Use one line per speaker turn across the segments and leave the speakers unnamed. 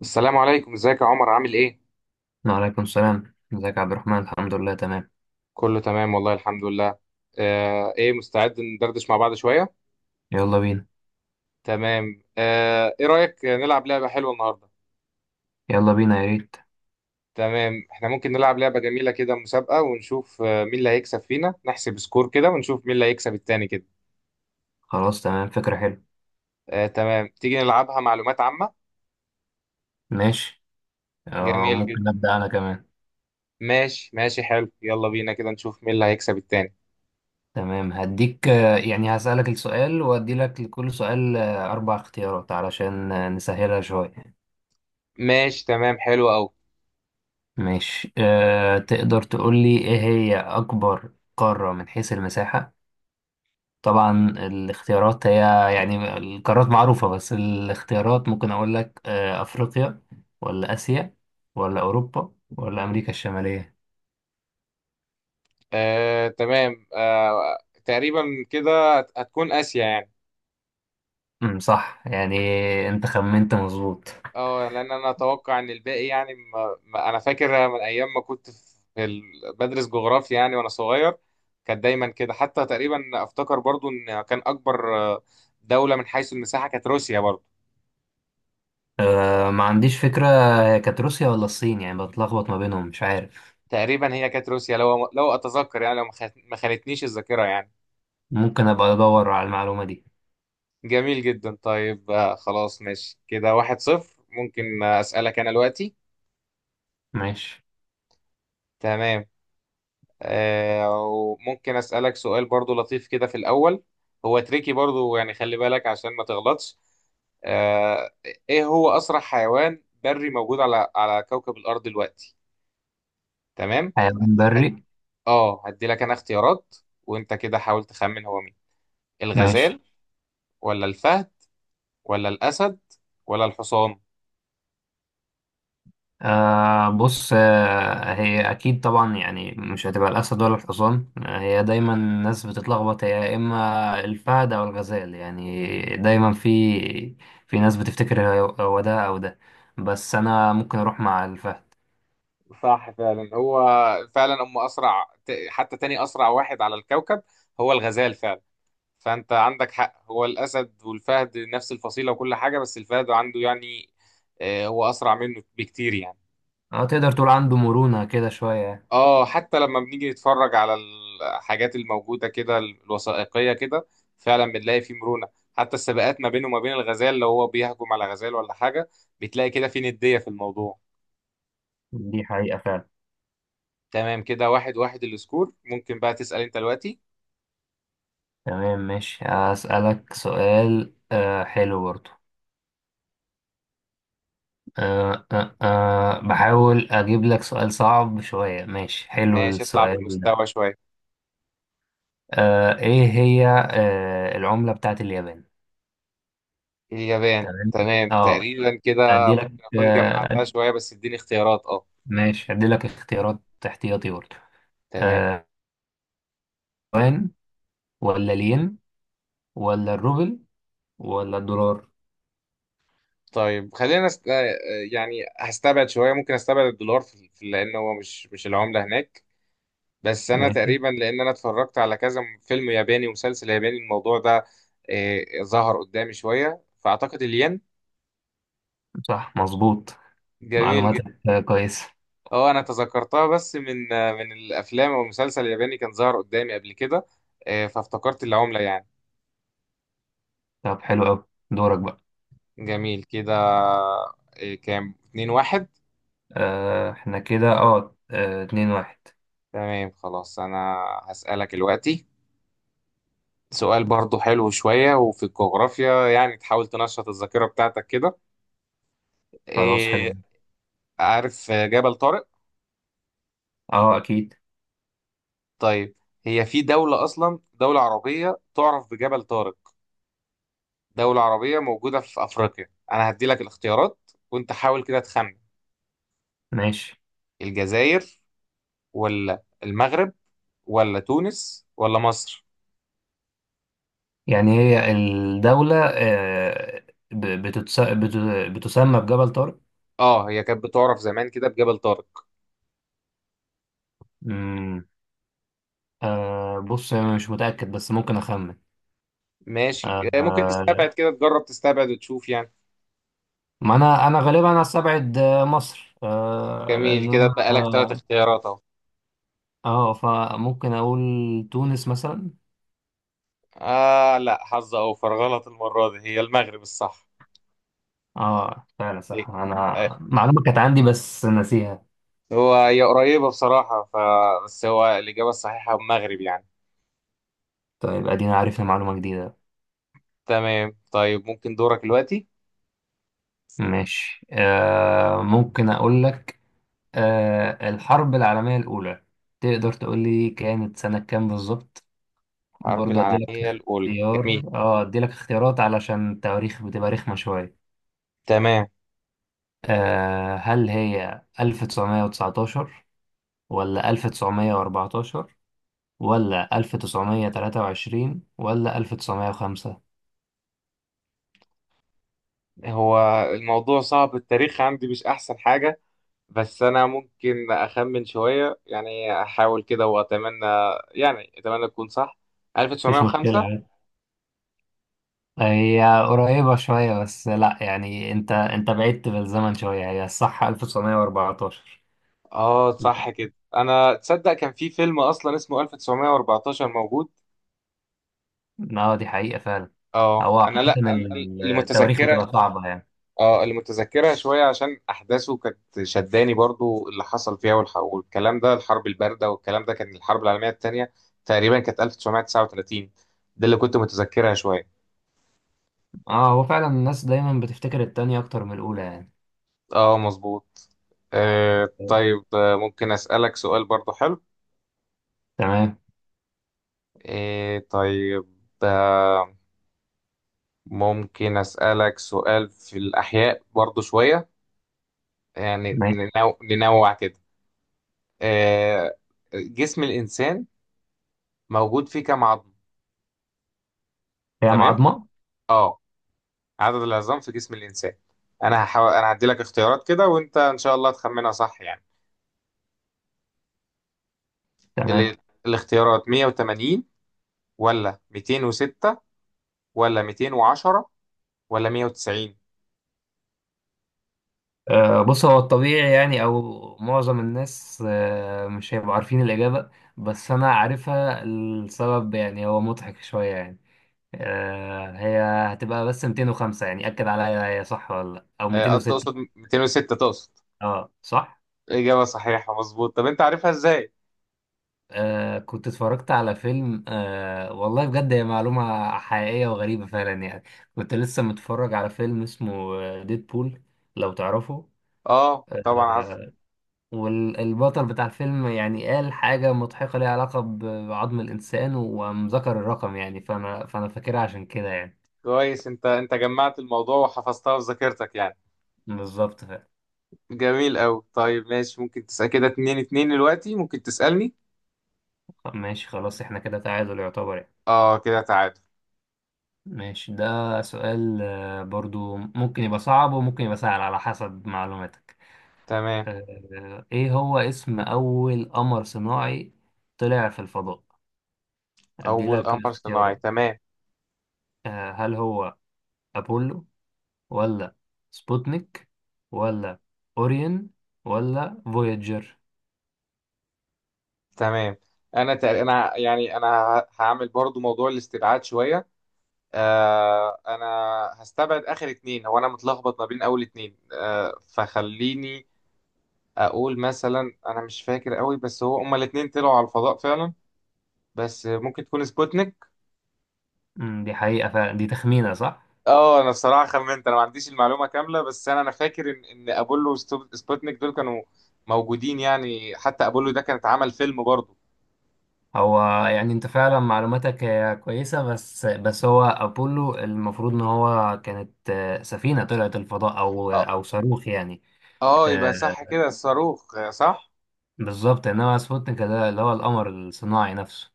السلام عليكم، ازيك يا عمر؟ عامل ايه؟
وعليكم السلام، ازيك يا عبد الرحمن؟ الحمد لله تمام.
كله تمام والله الحمد لله. آه، ايه، مستعد ندردش مع بعض شوية؟
يلا بينا.
تمام. آه، ايه رأيك نلعب لعبة حلوة النهاردة؟
يلا بينا يا ريت.
تمام، احنا ممكن نلعب لعبة جميلة كده، مسابقة، ونشوف مين اللي هيكسب فينا. نحسب سكور كده ونشوف مين اللي هيكسب التاني كده.
خلاص تمام، فكرة حلوة.
آه تمام، تيجي نلعبها معلومات عامة.
ماشي.
جميل جدا.
ممكن أبدأ أنا كمان.
ماشي ماشي، حلو، يلا بينا كده نشوف مين اللي هيكسب التاني.
تمام هديك، يعني هسألك السؤال وأدي لك لكل سؤال أربع اختيارات علشان نسهلها شوية.
ماشي تمام، حلو قوي.
ماشي. أه تقدر تقول لي إيه هي أكبر قارة من حيث المساحة؟ طبعا الاختيارات هي، يعني القارات معروفة، بس الاختيارات ممكن أقول لك أفريقيا ولا آسيا ولا أوروبا ولا أمريكا الشمالية؟
آه تمام، آه تقريبا كده هتكون آسيا يعني.
صح يعني، أنت خمنت مظبوط.
اه، لان انا اتوقع ان الباقي يعني ما انا فاكر من ايام ما كنت بدرس جغرافيا يعني وانا صغير، كانت دايما كده، حتى تقريبا افتكر برضو ان كان اكبر دولة من حيث المساحة كانت روسيا برضو.
أه ما عنديش فكرة، هي كانت روسيا ولا الصين؟ يعني بتلخبط ما بينهم، مش عارف.
تقريبا هي كانت روسيا، لو اتذكر يعني، لو ما خانتنيش الذاكرة يعني.
ممكن أبقى أدور على المعلومة دي.
جميل جدا. طيب خلاص ماشي كده، واحد صفر. ممكن اسألك انا دلوقتي؟
ماشي.
تمام. وممكن أسألك سؤال برضو لطيف كده في الأول، هو تريكي برضو يعني، خلي بالك عشان ما تغلطش. آه، إيه هو أسرع حيوان بري موجود على كوكب الأرض دلوقتي؟ تمام.
حيوان
هت- هت-
بري؟
هدي لك أنا اختيارات وأنت كده حاول تخمن هو مين. الغزال،
ماشي.
ولا الفهد، ولا الأسد، ولا الحصان؟
بص، هي أكيد طبعا يعني مش هتبقى الأسد ولا الحصان. آه، هي دايما الناس بتتلخبط، هي يا إما الفهد أو الغزال، يعني دايما في ناس بتفتكر هو ده أو ده، بس أنا ممكن أروح مع الفهد.
صح فعلا، هو فعلا هم أسرع حتى تاني أسرع واحد على الكوكب هو الغزال فعلا. فانت عندك حق، هو الاسد والفهد نفس الفصيله وكل حاجه، بس الفهد عنده يعني هو اسرع منه بكتير يعني.
أه تقدر تقول عنده مرونة كده شوية.
اه، حتى لما بنيجي نتفرج على الحاجات الموجوده كده الوثائقيه كده، فعلا بنلاقي فيه مرونه. حتى السباقات ما بينه وما بين الغزال، لو هو بيهجم على غزال ولا حاجه، بتلاقي كده في نديه في الموضوع.
دي حقيقة فعلا.
تمام كده، واحد واحد السكور. ممكن بقى تسال انت دلوقتي.
تمام ماشي. أسألك سؤال حلو برضه. بحاول أجيب لك سؤال صعب شوية. ماشي حلو
ماشي، اطلع
السؤال ده.
بالمستوى شويه.
ايه هي العملة بتاعت اليابان؟
اليابان،
تمام.
تمام،
اه
تقريبا كده
ادي لك
اكون جمعتها شويه، بس اديني اختيارات اه.
ماشي، ادي لك اختيارات احتياطي برضه.
تمام.
آه، يوان ولا الين ولا الروبل ولا الدولار؟
طيب خلينا است... آه، يعني هستبعد شويه. ممكن استبعد الدولار لان هو مش العمله هناك. بس انا
ماشي.
تقريبا، لان انا اتفرجت على كذا فيلم ياباني ومسلسل ياباني الموضوع ده ظهر قدامي شويه، فاعتقد الين.
صح مظبوط،
جميل جدا.
معلوماتك كويسة.
اه، انا تذكرتها بس من من الافلام او المسلسل الياباني، كان ظهر قدامي قبل كده، فافتكرت العمله يعني.
طب حلو قوي. دورك بقى.
جميل كده. كام؟ 2 1.
احنا كده اتنين واحد.
تمام خلاص، انا هسألك دلوقتي سؤال برضه حلو شوية وفي الجغرافيا يعني، تحاول تنشط الذاكرة بتاعتك كده.
خلاص حلو.
إيه، عارف جبل طارق؟
اه اكيد.
طيب، هي في دولة أصلا، دولة عربية تعرف بجبل طارق، دولة عربية موجودة في أفريقيا. أنا هدي لك الاختيارات وأنت حاول كده تخمن.
ماشي،
الجزائر، ولا المغرب، ولا تونس، ولا مصر؟
يعني هي الدولة بتسمى بجبل طارق؟
آه هي كانت بتعرف زمان كده بجبل طارق.
امم بص انا مش متاكد بس ممكن اخمن.
ماشي.
آه
إيه، ممكن
آه،
تستبعد كده، تجرب تستبعد وتشوف يعني.
ما انا غالبا استبعد مصر. آه
جميل
لان
كده،
انا
اتبقى لك ثلاث
اه
اختيارات أهو.
آه، فممكن اقول تونس مثلا.
آه لا، حظ أوفر، غلط المرة دي، هي المغرب الصح.
اه فعلا
إيه؟
صح، انا
آه،
معلومه كانت عندي بس ناسيها.
هي قريبة بصراحة، ف بس هو الإجابة الصحيحة المغرب يعني.
طيب ادينا عارفها، معلومه جديده.
تمام، طيب ممكن دورك دلوقتي.
ماشي. ممكن اقول لك، الحرب العالميه الاولى تقدر تقول لي كانت سنه كام بالظبط؟
الحرب
برضه ادي لك
العالمية الأولى، جميل.
اختيار. اه ادي لك اختيارات علشان التواريخ بتبقى رخمة شوية.
تمام.
آه، هل هي 1919 ولا 1914 ولا 1923 ولا 1905؟
هو الموضوع صعب، التاريخ عندي مش أحسن حاجة، بس أنا ممكن أخمن شوية يعني، أحاول كده وأتمنى يعني، أتمنى تكون صح.
مفيش مشكلة
1905.
عادي، هي قريبة شوية، بس لا يعني، انت بعدت بالزمن شوية. هي الصح 1914.
آه صح كده. أنا تصدق كان في فيلم أصلا اسمه 1914 موجود.
اه دي حقيقة فعلا.
اه
هو
انا، لا
عامة
أنا اللي
التواريخ
متذكرها
بتبقى صعبة يعني.
اه اللي متذكرها شويه عشان احداثه كانت شداني برضو، اللي حصل فيها والكلام ده، الحرب البارده والكلام ده كان الحرب العالميه الثانيه، تقريبا كانت 1939. ده اللي كنت متذكرها شويه.
اه هو فعلا الناس دايما بتفتكر التانية اكتر من الاولى يعني.
اه مظبوط. آه طيب، ممكن اسالك سؤال برضو حلو.
تمام.
آه طيب. آه، ممكن اسالك سؤال في الاحياء برضو شويه، يعني
ماشي.
ننوع كده. آه، جسم الانسان موجود فيه كام عظم؟
هي
تمام.
معضمة؟
اه، عدد العظام في جسم الانسان. انا هحاول، انا هدي لك اختيارات كده وانت ان شاء الله تخمنها صح يعني.
تمام.
ال... الاختيارات 180، ولا 206، ولا 210، ولا 190؟
بص، هو الطبيعي يعني او معظم الناس مش هيبقوا عارفين الإجابة، بس أنا عارفها. السبب يعني هو مضحك شوية يعني. هي هتبقى بس 205 يعني، أكد عليا هي صح ولا لأ، أو
آه
206؟
تقصد 206 تقصد.
اه صح.
اجابه صحيحه مظبوط. طب انت عارفها ازاي؟
كنت اتفرجت على فيلم، آه والله بجد هي معلومة حقيقية وغريبة فعلا يعني. كنت لسه متفرج على فيلم اسمه ديدبول، لو تعرفه.
اه طبعا عارف.
آه والبطل بتاع الفيلم يعني قال حاجة مضحكة ليها علاقة بعظم الإنسان، وقام ذكر الرقم يعني، فأنا فاكرها عشان كده يعني.
كويس، انت جمعت الموضوع وحفظتها في ذاكرتك يعني.
بالظبط فعلا.
جميل قوي. طيب ماشي، ممكن تسأل كده، اتنين اتنين دلوقتي. ممكن تسألني.
ماشي خلاص، احنا كده تعادل يعتبر يعني.
اه كده تعادل.
ماشي. ده سؤال برضو ممكن يبقى صعب وممكن يبقى سهل على حسب معلوماتك.
تمام.
ايه هو اسم اول قمر صناعي طلع في الفضاء؟ ادي
اول
لك
قمر صناعي،
اختيارات.
تمام.
آه، هل هو ابولو ولا سبوتنيك ولا اوريون ولا فوياجر؟
تمام، انا تق... انا يعني انا هعمل برضو موضوع الاستبعاد شويه. آه انا هستبعد اخر اتنين، هو انا متلخبط ما بين اول اتنين، آه فخليني اقول، مثلا انا مش فاكر قوي، بس هو هما الاتنين طلعوا على الفضاء فعلا، بس ممكن تكون سبوتنيك.
دي حقيقة فعلا، دي تخمينة صح.
اه، انا الصراحه خمنت، انا ما عنديش المعلومه كامله، بس انا فاكر ان ابولو وسبوتنيك دول كانوا موجودين يعني، حتى ابولو ده كان اتعمل فيلم برضو.
هو يعني انت فعلا معلوماتك هي كويسة، بس هو ابولو المفروض ان هو كانت سفينة طلعت الفضاء او
آه،
او صاروخ يعني.
اه يبقى
آه،
صح كده، الصاروخ صح.
بالظبط. انما سبوتنيك ده اللي هو القمر الصناعي نفسه.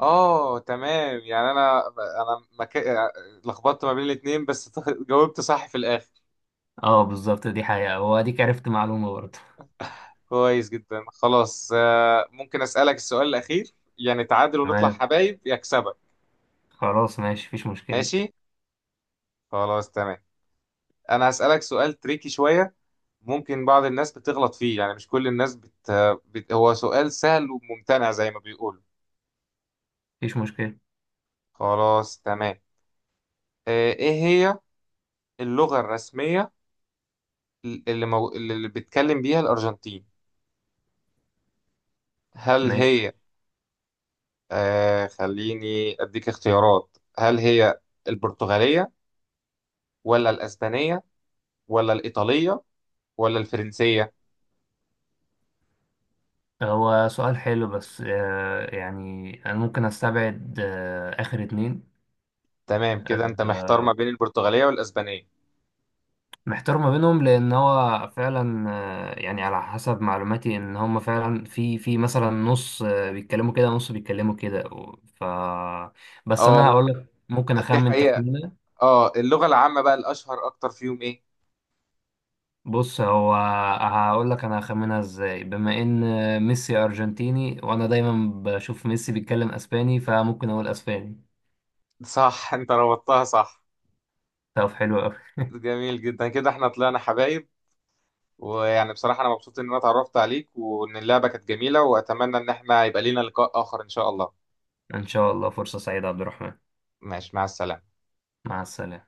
اه تمام، يعني لخبطت ما بين الاتنين بس جاوبت صح في الاخر.
اه بالظبط، دي حقيقة، واديك عرفت معلومة برضه.
كويس جدا خلاص. ممكن اسالك السؤال الاخير، يعني تعادل ونطلع
تمام
حبايب، يكسبك.
خلاص ماشي، مفيش مشكلة.
ماشي، خلاص تمام. انا هسالك سؤال تريكي شويه، ممكن بعض الناس بتغلط فيه يعني، مش كل الناس هو سؤال سهل وممتنع زي ما بيقولوا.
مفيش مشكلة.
خلاص تمام. ايه هي اللغة الرسمية اللي بيتكلم بيها الأرجنتين؟ هل
ماشي.
هي، آه خليني أديك اختيارات، هل هي البرتغالية، ولا الأسبانية، ولا الإيطالية، ولا الفرنسية؟
هو سؤال حلو بس يعني أنا ممكن أستبعد آخر اتنين.
تمام كده أنت
آه
محتار ما بين البرتغالية والأسبانية.
محتار ما بينهم، لأن هو فعلا يعني على حسب معلوماتي إن هما فعلا في مثلا نص بيتكلموا كده، نص بيتكلموا كده، و- ف بس أنا
اه
هقول لك ممكن
دي
أخمن
حقيقة.
تخمينة.
اه، اللغة العامة بقى الأشهر أكتر فيهم إيه؟
بص هو، هقول لك انا هخمنها ازاي، بما ان ميسي ارجنتيني، وانا دايما بشوف ميسي بيتكلم اسباني، فممكن اقول اسباني.
صح أنت ربطتها صح.
طب حلو قوي.
جميل جدا كده، احنا طلعنا حبايب، ويعني بصراحة أنا مبسوط إن أنا اتعرفت عليك، وإن اللعبة كانت جميلة، وأتمنى إن احنا يبقى لينا لقاء آخر إن شاء الله.
ان شاء الله، فرصة سعيدة يا عبد الرحمن.
ماشي، مع السلامة.
مع السلامة.